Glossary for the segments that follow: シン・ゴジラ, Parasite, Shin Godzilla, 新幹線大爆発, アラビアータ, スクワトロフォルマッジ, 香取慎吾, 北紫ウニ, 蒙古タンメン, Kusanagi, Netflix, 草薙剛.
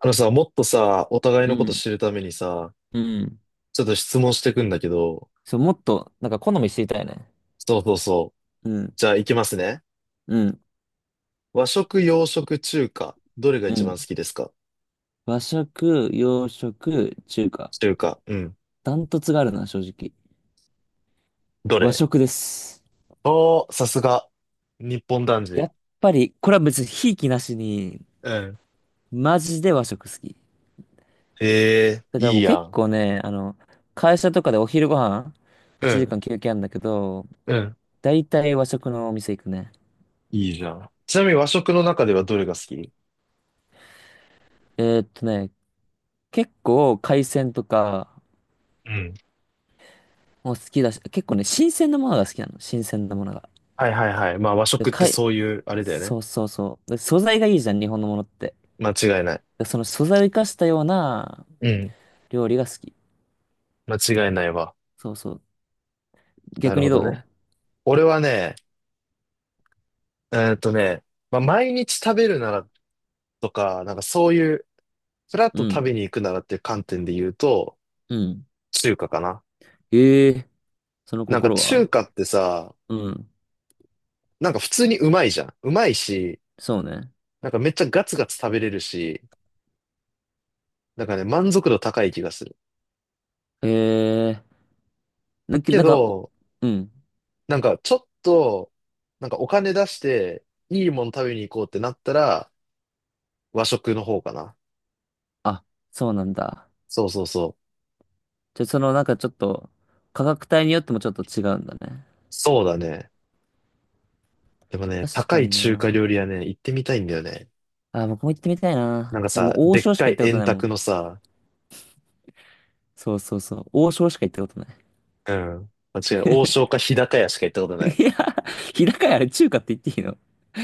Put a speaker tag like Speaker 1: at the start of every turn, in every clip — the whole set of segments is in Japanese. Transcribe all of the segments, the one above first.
Speaker 1: あのさ、もっとさ、お互い
Speaker 2: う
Speaker 1: のこと
Speaker 2: ん、
Speaker 1: 知るためにさ、
Speaker 2: うん、
Speaker 1: ちょっと質問してくんだけど、
Speaker 2: そう、もっと、なんか好み知りたいね。
Speaker 1: そうそうそう。
Speaker 2: うん、
Speaker 1: じゃあ、いきますね。
Speaker 2: うん、
Speaker 1: 和食、洋食、中華。どれが
Speaker 2: う
Speaker 1: 一番好
Speaker 2: ん。
Speaker 1: きですか？
Speaker 2: 和食、洋食、中華。
Speaker 1: 中華。うん。
Speaker 2: ダントツがあるな、正直。
Speaker 1: ど
Speaker 2: 和
Speaker 1: れ？
Speaker 2: 食です。
Speaker 1: おー、さすが。日本男
Speaker 2: や
Speaker 1: 児。
Speaker 2: っぱり、これは別にひいきなしに、
Speaker 1: うん。
Speaker 2: マジで和食好き。
Speaker 1: へえ、
Speaker 2: だから
Speaker 1: い
Speaker 2: も
Speaker 1: い
Speaker 2: う
Speaker 1: や
Speaker 2: 結
Speaker 1: ん。
Speaker 2: 構ね、会社とかでお昼ご飯、
Speaker 1: う
Speaker 2: 1時
Speaker 1: ん。
Speaker 2: 間休憩あるんだけど、
Speaker 1: うん。
Speaker 2: だいたい和食のお店行くね。
Speaker 1: いいじゃん。ちなみに和食の中ではどれが好き？
Speaker 2: えーっとね、結構海鮮とか
Speaker 1: うん。
Speaker 2: も好きだし、結構ね、新鮮なものが好きなの。新鮮なものが。
Speaker 1: はいはいはい。まあ和
Speaker 2: で、
Speaker 1: 食ってそういう、あれだよね。
Speaker 2: そうそうそう。で素材がいいじゃん、日本のものって。
Speaker 1: 間違いない。
Speaker 2: でその素材を生かしたような
Speaker 1: うん。
Speaker 2: 料理が好き。
Speaker 1: 間違いないわ。
Speaker 2: そうそう。
Speaker 1: な
Speaker 2: 逆
Speaker 1: る
Speaker 2: に
Speaker 1: ほど
Speaker 2: ど
Speaker 1: ね。俺はね、えーっとね、まあ、毎日食べるならとか、なんかそういう、フラッ
Speaker 2: う
Speaker 1: と
Speaker 2: う
Speaker 1: 食べ
Speaker 2: ん。
Speaker 1: に行くならっていう観点で言うと、
Speaker 2: うん。
Speaker 1: 中華かな。
Speaker 2: ええ。その
Speaker 1: なんか
Speaker 2: 心
Speaker 1: 中
Speaker 2: は？
Speaker 1: 華ってさ、
Speaker 2: うん。
Speaker 1: なんか普通にうまいじゃん。うまいし、
Speaker 2: そうね。
Speaker 1: なんかめっちゃガツガツ食べれるし、なんかね、満足度高い気がする。
Speaker 2: ええ。な、
Speaker 1: け
Speaker 2: なんか、お
Speaker 1: ど、
Speaker 2: うん。
Speaker 1: なんかちょっと、なんかお金出して、いいもの食べに行こうってなったら、和食の方かな。
Speaker 2: あ、そうなんだ。
Speaker 1: そうそうそう。
Speaker 2: じゃ、ちょっと、価格帯によってもちょっと違うんだね。
Speaker 1: そうだね。でもね、
Speaker 2: 確
Speaker 1: 高
Speaker 2: か
Speaker 1: い
Speaker 2: に
Speaker 1: 中華
Speaker 2: な。
Speaker 1: 料理はね、行ってみたいんだよね。
Speaker 2: あ、僕も行ってみたい
Speaker 1: なん
Speaker 2: な。
Speaker 1: か
Speaker 2: でも、
Speaker 1: さ、
Speaker 2: 王
Speaker 1: でっ
Speaker 2: 将し
Speaker 1: か
Speaker 2: か行
Speaker 1: い
Speaker 2: ったこと
Speaker 1: 円
Speaker 2: ないも
Speaker 1: 卓
Speaker 2: ん。
Speaker 1: のさ、
Speaker 2: そうそうそう。王将しか行ったことない。
Speaker 1: うん。間違いない。王将か日高屋しか行ったこと ない。
Speaker 2: いや、日高屋あれ中華って言っていいの？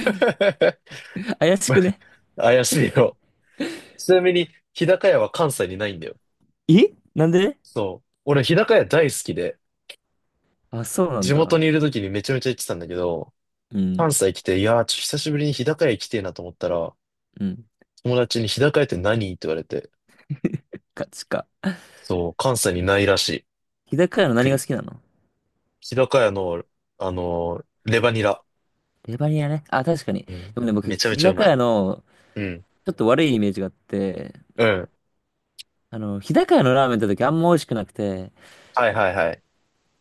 Speaker 2: 怪しくね？
Speaker 1: 怪しいよ。ちなみに、日高屋は関西にないんだよ。
Speaker 2: え、なんで？
Speaker 1: そう。俺、日高屋大好きで、
Speaker 2: あ、そうなん
Speaker 1: 地元
Speaker 2: だ。
Speaker 1: にいる時にめちゃめちゃ行ってたんだけど、
Speaker 2: うん。
Speaker 1: 関西来て、いやー、ちょっと久しぶりに日高屋行きてえなと思ったら、
Speaker 2: うん。
Speaker 1: 友達に日高屋って何って言われて、
Speaker 2: か、つか。
Speaker 1: そう、関西にないらしい。
Speaker 2: 日高屋の何が
Speaker 1: 栗。
Speaker 2: 好きなの？
Speaker 1: 日高屋の、レバニラ。
Speaker 2: レバニラね。あ、確かに。
Speaker 1: うん。
Speaker 2: でもね、僕、
Speaker 1: めちゃめ
Speaker 2: 日
Speaker 1: ちゃう
Speaker 2: 高
Speaker 1: まい。
Speaker 2: 屋の、
Speaker 1: うん。
Speaker 2: ちょっと悪いイメージがあって、
Speaker 1: うん。
Speaker 2: 日高屋のラーメン行った時あんま美味しくなくて、
Speaker 1: はいはいはい。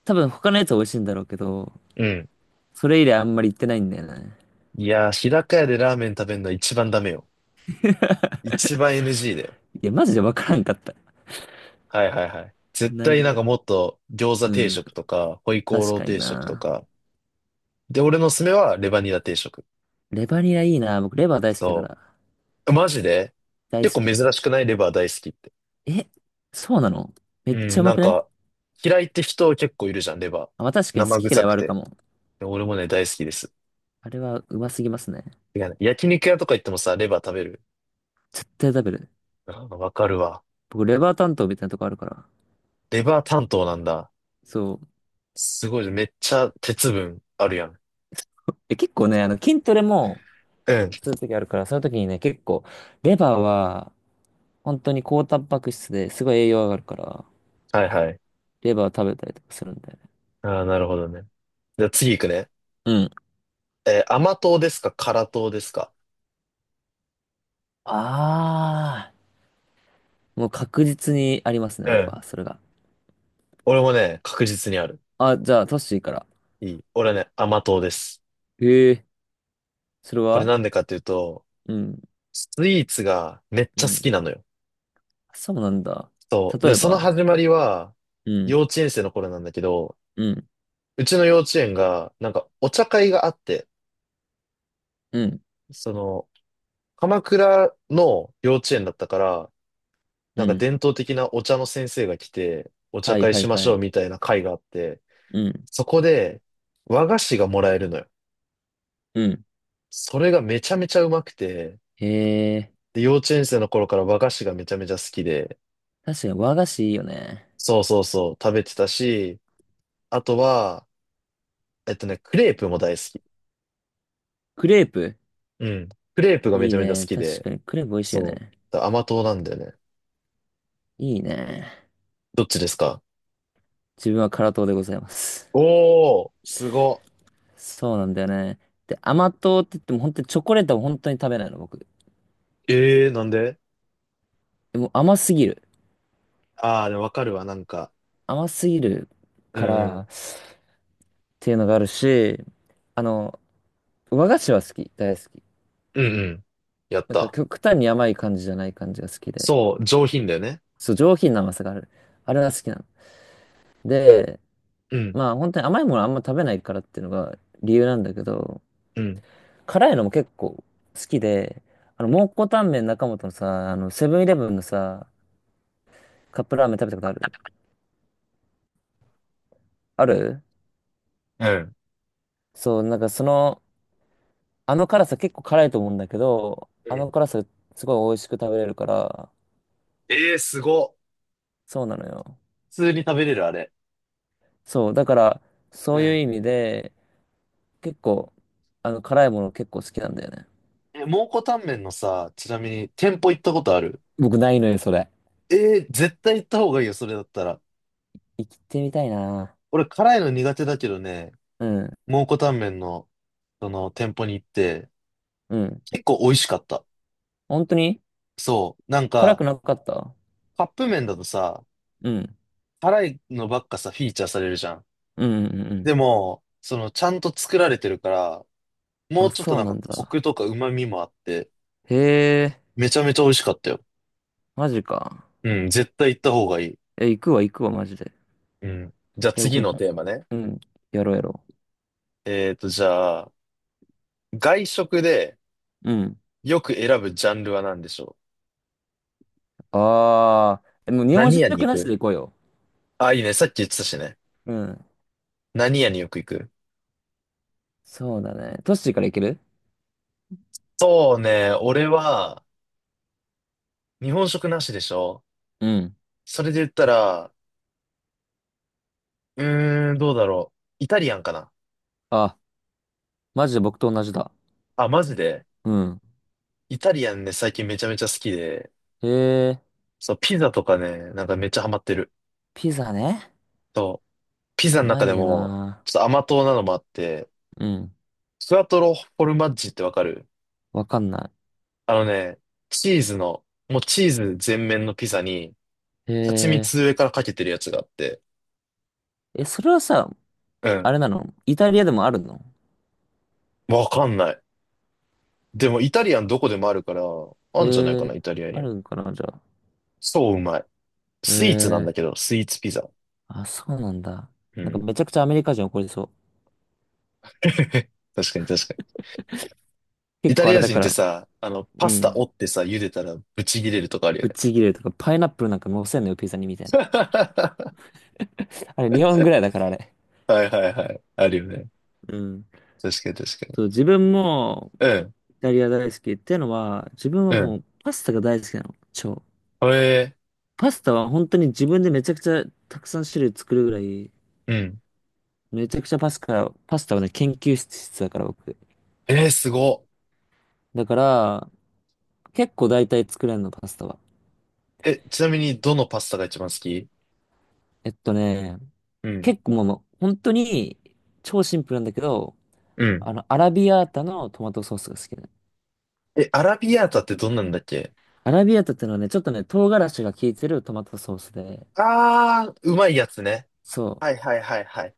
Speaker 2: 多分他のやつは美味しいんだろうけど、
Speaker 1: うん。
Speaker 2: それ以来あんまり行ってないんだよね。
Speaker 1: いやー、日高屋でラーメン食べるのは一番ダメよ。一番 NG だよ。
Speaker 2: いや、マジでわからんかった。
Speaker 1: はいはいはい。絶対
Speaker 2: 何
Speaker 1: なん
Speaker 2: を。
Speaker 1: かもっと餃子
Speaker 2: う
Speaker 1: 定
Speaker 2: ん。
Speaker 1: 食とか、ホイコー
Speaker 2: 確
Speaker 1: ロー
Speaker 2: かに
Speaker 1: 定食と
Speaker 2: な。
Speaker 1: か。で、俺のおすすめはレバニラ定食。
Speaker 2: レバニラいいな。僕、レバー大好きだか
Speaker 1: そ
Speaker 2: ら。
Speaker 1: う。マジで
Speaker 2: 大
Speaker 1: 結
Speaker 2: 好
Speaker 1: 構
Speaker 2: き。
Speaker 1: 珍しくないレバー大好きって。
Speaker 2: え、そうなの？め
Speaker 1: う
Speaker 2: っちゃ
Speaker 1: ん、
Speaker 2: うま
Speaker 1: なん
Speaker 2: くね？
Speaker 1: か、嫌いって人結構いるじゃん、レバ
Speaker 2: あ、まあ確
Speaker 1: ー。
Speaker 2: かに好
Speaker 1: 生
Speaker 2: き嫌
Speaker 1: 臭
Speaker 2: いは
Speaker 1: く
Speaker 2: あるか
Speaker 1: て。
Speaker 2: も。
Speaker 1: で俺もね、大好きです。
Speaker 2: あれはうますぎますね。
Speaker 1: てかね焼肉屋とか行ってもさ、レバー食べる。
Speaker 2: 絶対食べる。
Speaker 1: あわかるわ。
Speaker 2: 僕、レバー担当みたいなとこあるから。
Speaker 1: レバー担当なんだ。
Speaker 2: そう。
Speaker 1: すごい、めっちゃ鉄分あるやん。
Speaker 2: で、結構ね、筋トレも
Speaker 1: うん。
Speaker 2: するときあるから、その時にね、結構、レバーは、本当に高タンパク質ですごい栄養上がるから、
Speaker 1: はいはい。
Speaker 2: レバー食べたりとかするんだよね。
Speaker 1: ああ、なるほどね。じゃあ次行くね。
Speaker 2: うん。
Speaker 1: 甘党ですか辛党ですか？
Speaker 2: あもう確実にありますね、
Speaker 1: う
Speaker 2: 僕
Speaker 1: ん。
Speaker 2: は、それが。
Speaker 1: 俺もね、確実にある。
Speaker 2: あ、じゃあ、トッシーから。
Speaker 1: いい。俺はね、甘党です。
Speaker 2: へえ、それ
Speaker 1: これ
Speaker 2: は？
Speaker 1: なんでかっていうと、
Speaker 2: うん、
Speaker 1: スイーツがめっ
Speaker 2: う
Speaker 1: ちゃ好き
Speaker 2: ん。
Speaker 1: なのよ。
Speaker 2: そうなんだ。
Speaker 1: そう。
Speaker 2: 例
Speaker 1: で、
Speaker 2: え
Speaker 1: その
Speaker 2: ば、
Speaker 1: 始まりは、
Speaker 2: う
Speaker 1: 幼
Speaker 2: ん、
Speaker 1: 稚園生の頃なんだけど、
Speaker 2: うん、
Speaker 1: うちの幼稚園が、なんかお茶会があって、
Speaker 2: うん、
Speaker 1: その、鎌倉の幼稚園だったから、な
Speaker 2: う
Speaker 1: んか
Speaker 2: ん。
Speaker 1: 伝統的なお茶の先生が来て、お茶
Speaker 2: はい
Speaker 1: 会
Speaker 2: はい
Speaker 1: しまし
Speaker 2: は
Speaker 1: ょう
Speaker 2: い。
Speaker 1: みたいな会があって、
Speaker 2: うん。
Speaker 1: そこで和菓子がもらえるのよ。
Speaker 2: うん。
Speaker 1: それがめちゃめちゃうまくて、
Speaker 2: へえ、
Speaker 1: で、幼稚園生の頃から和菓子がめちゃめちゃ好きで、
Speaker 2: 確かに和菓子いいよね。
Speaker 1: そうそうそう、食べてたし、あとは、クレープも大好き。
Speaker 2: クレープ？
Speaker 1: うん。クレープがめ
Speaker 2: い
Speaker 1: ち
Speaker 2: い
Speaker 1: ゃめちゃ好
Speaker 2: ね。
Speaker 1: き
Speaker 2: 確
Speaker 1: で、
Speaker 2: かにクレープ美味しいよ
Speaker 1: そう。
Speaker 2: ね。
Speaker 1: だから甘党なんだよね。
Speaker 2: いいね。
Speaker 1: どっちですか？
Speaker 2: 自分は辛党でございます。
Speaker 1: おー、すご。
Speaker 2: そうなんだよね。で、甘党って言っても本当にチョコレートは本当に食べないの、僕。
Speaker 1: えー、なんで？
Speaker 2: でも甘すぎる。
Speaker 1: あー、でもわかるわ、なんか。
Speaker 2: 甘すぎる
Speaker 1: う
Speaker 2: か
Speaker 1: んう
Speaker 2: ら
Speaker 1: ん。
Speaker 2: っていうのがあるし、あの、和菓子は好き。大好き。
Speaker 1: うんうん。やっ
Speaker 2: なんか
Speaker 1: た。
Speaker 2: 極端に甘い感じじゃない感じが好きで。
Speaker 1: そう、上品だよね。
Speaker 2: そう、上品な甘さがある。あれは好きなの。で、
Speaker 1: うん、
Speaker 2: まあ本当に甘いものあんま食べないからっていうのが理由なんだけど、
Speaker 1: うん、
Speaker 2: 辛いのも結構好きで、蒙古タンメン中本のさ、セブンイレブンのさ、カップラーメン食べたことある？ある。
Speaker 1: うん。
Speaker 2: そう、あの辛さ結構辛いと思うんだけど、
Speaker 1: う
Speaker 2: あ
Speaker 1: ん。
Speaker 2: の辛さすごい美味しく食べれるから、
Speaker 1: えー、すご。
Speaker 2: そうなのよ。
Speaker 1: 普通に食べれる、あれ。
Speaker 2: そう、だから、そ
Speaker 1: う
Speaker 2: ういう
Speaker 1: ん。
Speaker 2: 意味で、結構、辛いもの結構好きなんだよね。
Speaker 1: え、蒙古タンメンのさ、ちなみに店舗行ったことある？
Speaker 2: 僕ないのよ、それ。
Speaker 1: えー、絶対行った方がいいよ、それだったら。
Speaker 2: 生きてみたいな。
Speaker 1: 俺、辛いの苦手だけどね、
Speaker 2: うん、
Speaker 1: 蒙古タンメンの、その、店舗に行って、
Speaker 2: うん。
Speaker 1: 結構美味しかった。
Speaker 2: 本当に
Speaker 1: そう。なん
Speaker 2: 辛
Speaker 1: か、
Speaker 2: くなかった？
Speaker 1: カップ麺だとさ、
Speaker 2: うん。
Speaker 1: 辛いのばっかさ、フィーチャーされるじゃん。
Speaker 2: うんうんうんう
Speaker 1: でも、その、ちゃんと作られてるから、
Speaker 2: ん。
Speaker 1: も
Speaker 2: あ、
Speaker 1: うちょっと
Speaker 2: そう
Speaker 1: なん
Speaker 2: な
Speaker 1: か、
Speaker 2: ん
Speaker 1: コ
Speaker 2: だ。
Speaker 1: クとか旨味もあって、
Speaker 2: へえ、
Speaker 1: めちゃめちゃ美味しかったよ。
Speaker 2: マジか。
Speaker 1: うん、絶対行った方がいい。
Speaker 2: え、行くわ、行くわ、マジで。
Speaker 1: うん。じゃあ
Speaker 2: え、僕
Speaker 1: 次
Speaker 2: も、
Speaker 1: のテーマね。
Speaker 2: うん、やろうやろ
Speaker 1: じゃあ、外食で
Speaker 2: う。うん。
Speaker 1: よく選ぶジャンルは何でしょ
Speaker 2: ああ、えもう
Speaker 1: う？
Speaker 2: 日本
Speaker 1: 何屋に
Speaker 2: 食
Speaker 1: 行
Speaker 2: なし
Speaker 1: く？
Speaker 2: で行こうよ。
Speaker 1: あ、いいね。さっき言ってたしね。
Speaker 2: うん。
Speaker 1: 何屋によく行く？
Speaker 2: そうだね。トッシーから行ける？
Speaker 1: そうね。俺は、日本食なしでしょ？
Speaker 2: うん。
Speaker 1: それで言ったら、うーん、どうだろう。イタリアンかな？
Speaker 2: あ、マジで僕と同じだ。
Speaker 1: あ、マジで。
Speaker 2: うん。
Speaker 1: イタリアンね、最近めちゃめちゃ好きで、
Speaker 2: へえ、
Speaker 1: そう、ピザとかね、なんかめっちゃハマってる。
Speaker 2: ピザね。
Speaker 1: そう、ピザ
Speaker 2: う
Speaker 1: の
Speaker 2: ま
Speaker 1: 中で
Speaker 2: いよ
Speaker 1: も、
Speaker 2: な。
Speaker 1: ちょっと甘党なのもあって、
Speaker 2: うん。
Speaker 1: スクワトロフォルマッジってわかる？
Speaker 2: わかんな
Speaker 1: あのね、チーズの、もうチーズ全面のピザに、
Speaker 2: い。へ
Speaker 1: 蜂
Speaker 2: え、
Speaker 1: 蜜上からかけてるやつがあって。
Speaker 2: え、それはさ、
Speaker 1: うん。
Speaker 2: あれなのイタリアでもあるの？
Speaker 1: わかんない。でもイタリアンどこでもあるから、あ
Speaker 2: へ
Speaker 1: んじゃないかな、
Speaker 2: え、
Speaker 1: イタリアに
Speaker 2: あ
Speaker 1: も。
Speaker 2: るんかな、じゃあ。
Speaker 1: そううまい。
Speaker 2: へ
Speaker 1: スイーツなんだ
Speaker 2: え。
Speaker 1: けど、スイーツピザ。
Speaker 2: あ、そうなんだ。
Speaker 1: う
Speaker 2: なん
Speaker 1: ん。
Speaker 2: かめちゃくちゃアメリカ人怒りそう。
Speaker 1: 確かに確かに。イ
Speaker 2: 結
Speaker 1: タ
Speaker 2: 構あ
Speaker 1: リ
Speaker 2: れ
Speaker 1: ア
Speaker 2: だ
Speaker 1: 人っ
Speaker 2: か
Speaker 1: て
Speaker 2: ら、
Speaker 1: さ、パ
Speaker 2: う
Speaker 1: スタ
Speaker 2: ん。
Speaker 1: 折ってさ、茹でたらブチ切れるとかあるよ
Speaker 2: ぶっ
Speaker 1: ね。
Speaker 2: ちぎれるとか、パイナップルなんか乗せんのよ、ピザにみたいな。あれ、日本ぐらいだから、あれ。
Speaker 1: はいはいはい。あるよね。
Speaker 2: うん。
Speaker 1: 確かに確かに。
Speaker 2: そう、自分も
Speaker 1: うん、
Speaker 2: イタリア大好きっていうのは、自分は
Speaker 1: う
Speaker 2: も
Speaker 1: ん。
Speaker 2: うパスタが大好きなの。超。
Speaker 1: え
Speaker 2: パスタは本当に自分でめちゃくちゃたくさん種類作るぐらい、
Speaker 1: ー、うん。
Speaker 2: めちゃくちゃパスタはね、研究室だから僕。
Speaker 1: えー、すごっ。
Speaker 2: だから、結構大体作れるの、パスタは。
Speaker 1: え、ちなみにどのパスタが一番好き？
Speaker 2: えっとね、
Speaker 1: うん。
Speaker 2: 結構もう、本当に超シンプルなんだけど、
Speaker 1: うん。
Speaker 2: アラビアータのトマトソースが好きだね。
Speaker 1: え、アラビアータってどんなんだっけ？
Speaker 2: アラビアータってのはね、ちょっとね、唐辛子が効いてるトマトソースで、
Speaker 1: あー、うまいやつね。
Speaker 2: そ
Speaker 1: はいはいはいはい。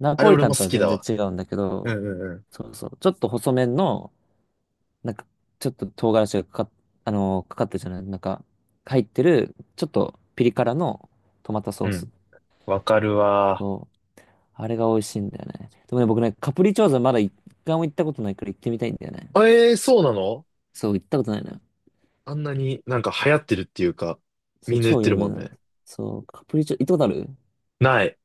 Speaker 2: う。ナ
Speaker 1: あれ
Speaker 2: ポリ
Speaker 1: 俺
Speaker 2: タ
Speaker 1: も
Speaker 2: ン
Speaker 1: 好
Speaker 2: とは
Speaker 1: き
Speaker 2: 全
Speaker 1: だ
Speaker 2: 然
Speaker 1: わ。
Speaker 2: 違うんだけ
Speaker 1: うん
Speaker 2: ど、
Speaker 1: うんうん。
Speaker 2: そうそう。ちょっと細麺の、なんか、ちょっと唐辛子がかかっ、あのーかかってるじゃない、入ってる、ちょっとピリ辛のトマトソ
Speaker 1: う
Speaker 2: ース。
Speaker 1: ん。わかるわ。
Speaker 2: そう。あれが美味しいんだよね。でもね、僕ね、カプリチョーザまだ一回も行ったことないから行ってみたいんだよね。
Speaker 1: えー、そうなの？
Speaker 2: そう、行ったことないな。
Speaker 1: あんなになんか流行ってるっていうか、
Speaker 2: そ
Speaker 1: み
Speaker 2: う、
Speaker 1: んな言っ
Speaker 2: 超
Speaker 1: て
Speaker 2: 有
Speaker 1: るも
Speaker 2: 名
Speaker 1: ん
Speaker 2: な
Speaker 1: ね。
Speaker 2: の。そう、カプリチョ、行ったことある？
Speaker 1: ない。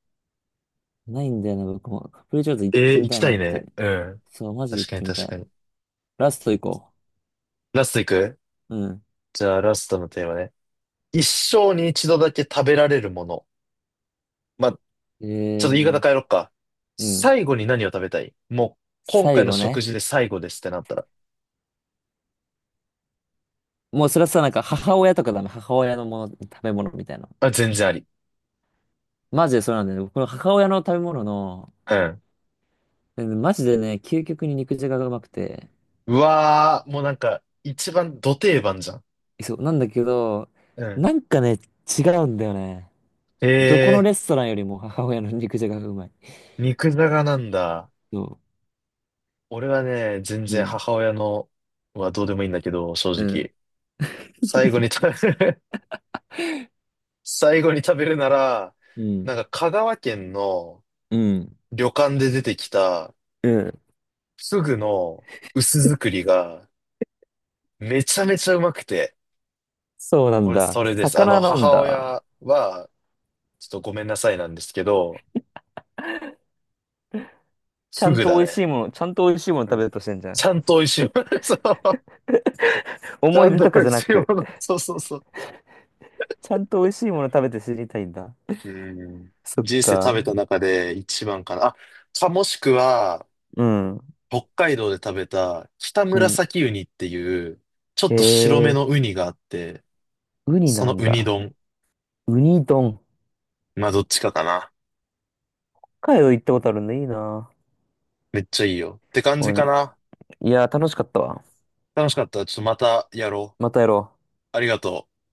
Speaker 2: ないんだよな、僕も。カプリチョーズ行っ
Speaker 1: え
Speaker 2: て
Speaker 1: ー、
Speaker 2: み
Speaker 1: 行
Speaker 2: た
Speaker 1: き
Speaker 2: い
Speaker 1: た
Speaker 2: なっ
Speaker 1: い
Speaker 2: て。
Speaker 1: ね。うん。
Speaker 2: そう、マジで
Speaker 1: 確
Speaker 2: 行っ
Speaker 1: かに
Speaker 2: てみた
Speaker 1: 確か
Speaker 2: い。
Speaker 1: に。
Speaker 2: ラスト行こ
Speaker 1: ラスト行く？
Speaker 2: う。うん。
Speaker 1: じゃあラストのテーマね。一生に一度だけ食べられるもの。まあ、ちょっ
Speaker 2: え
Speaker 1: と言い方
Speaker 2: ー、
Speaker 1: 変えろっか。
Speaker 2: うん。
Speaker 1: 最後に何を食べたい？もう、今回
Speaker 2: 最
Speaker 1: の
Speaker 2: 後
Speaker 1: 食
Speaker 2: ね。
Speaker 1: 事で最後ですってなったら。
Speaker 2: もうそれはさ、なんか母親とかだね。母親のもの、食べ物みたいな。
Speaker 1: あ、全然あり。
Speaker 2: マジでそうなんだよね。この母親の食べ物の、
Speaker 1: うん。
Speaker 2: うん。マジでね、究極に肉じゃががうまくて。
Speaker 1: うわー、もうなんか、一番ド定番じゃん。
Speaker 2: そう、なんだけど、
Speaker 1: うん。
Speaker 2: なんかね、違うんだよね。
Speaker 1: へ
Speaker 2: どこの
Speaker 1: え、
Speaker 2: レストランよりも母親の肉じゃががうまい。
Speaker 1: 肉じゃがなんだ。
Speaker 2: そ
Speaker 1: 俺はね、全
Speaker 2: う。う
Speaker 1: 然
Speaker 2: ん
Speaker 1: 母親のはどうでもいいんだけど、正
Speaker 2: うん。
Speaker 1: 直。最後に食べる。 最後に食べるなら、
Speaker 2: うん。
Speaker 1: なんか香川県の
Speaker 2: うん。
Speaker 1: 旅館で出てきた
Speaker 2: うん。
Speaker 1: フグの薄作りがめちゃめちゃうまくて、
Speaker 2: そうなん
Speaker 1: 俺
Speaker 2: だ。
Speaker 1: それです。あの、
Speaker 2: 魚なん
Speaker 1: 母
Speaker 2: だ。
Speaker 1: 親は、ちょっとごめんなさいなんですけど、
Speaker 2: ちゃ
Speaker 1: フ
Speaker 2: ん
Speaker 1: グ
Speaker 2: と
Speaker 1: だ
Speaker 2: 美味しい
Speaker 1: ね。
Speaker 2: もの、ちゃんと美味しいもの
Speaker 1: は
Speaker 2: 食
Speaker 1: い。
Speaker 2: べようとしてんじゃ
Speaker 1: ち
Speaker 2: ん。
Speaker 1: ゃんと美味しいもの。そう。ち
Speaker 2: 思
Speaker 1: ゃ
Speaker 2: い
Speaker 1: ん
Speaker 2: 出
Speaker 1: と
Speaker 2: と
Speaker 1: 美
Speaker 2: かじゃ
Speaker 1: 味
Speaker 2: な
Speaker 1: しいも
Speaker 2: く、
Speaker 1: の。そうそうそう。
Speaker 2: ちゃんと美味しいもの食べて知りたいんだ。
Speaker 1: うん。
Speaker 2: そっ
Speaker 1: 人生食べ
Speaker 2: か。
Speaker 1: た中で一番かな。あ、かもしくは、
Speaker 2: うん。
Speaker 1: 北海道で食べた北
Speaker 2: うん。
Speaker 1: 紫ウニっていう、ちょっ
Speaker 2: へ
Speaker 1: と白め
Speaker 2: え、
Speaker 1: のウニがあって、
Speaker 2: ウニ
Speaker 1: そ
Speaker 2: な
Speaker 1: の
Speaker 2: ん
Speaker 1: ウニ
Speaker 2: だ。
Speaker 1: 丼。
Speaker 2: ウニ丼。
Speaker 1: まあ、どっちかかな。
Speaker 2: 北海道行ったことあるんだ。いいな。
Speaker 1: めっちゃいいよ。って感じ
Speaker 2: うん。
Speaker 1: かな。
Speaker 2: いや、楽しかったわ。
Speaker 1: 楽しかった。ちょっとまたやろ
Speaker 2: またやろう。
Speaker 1: う。ありがとう。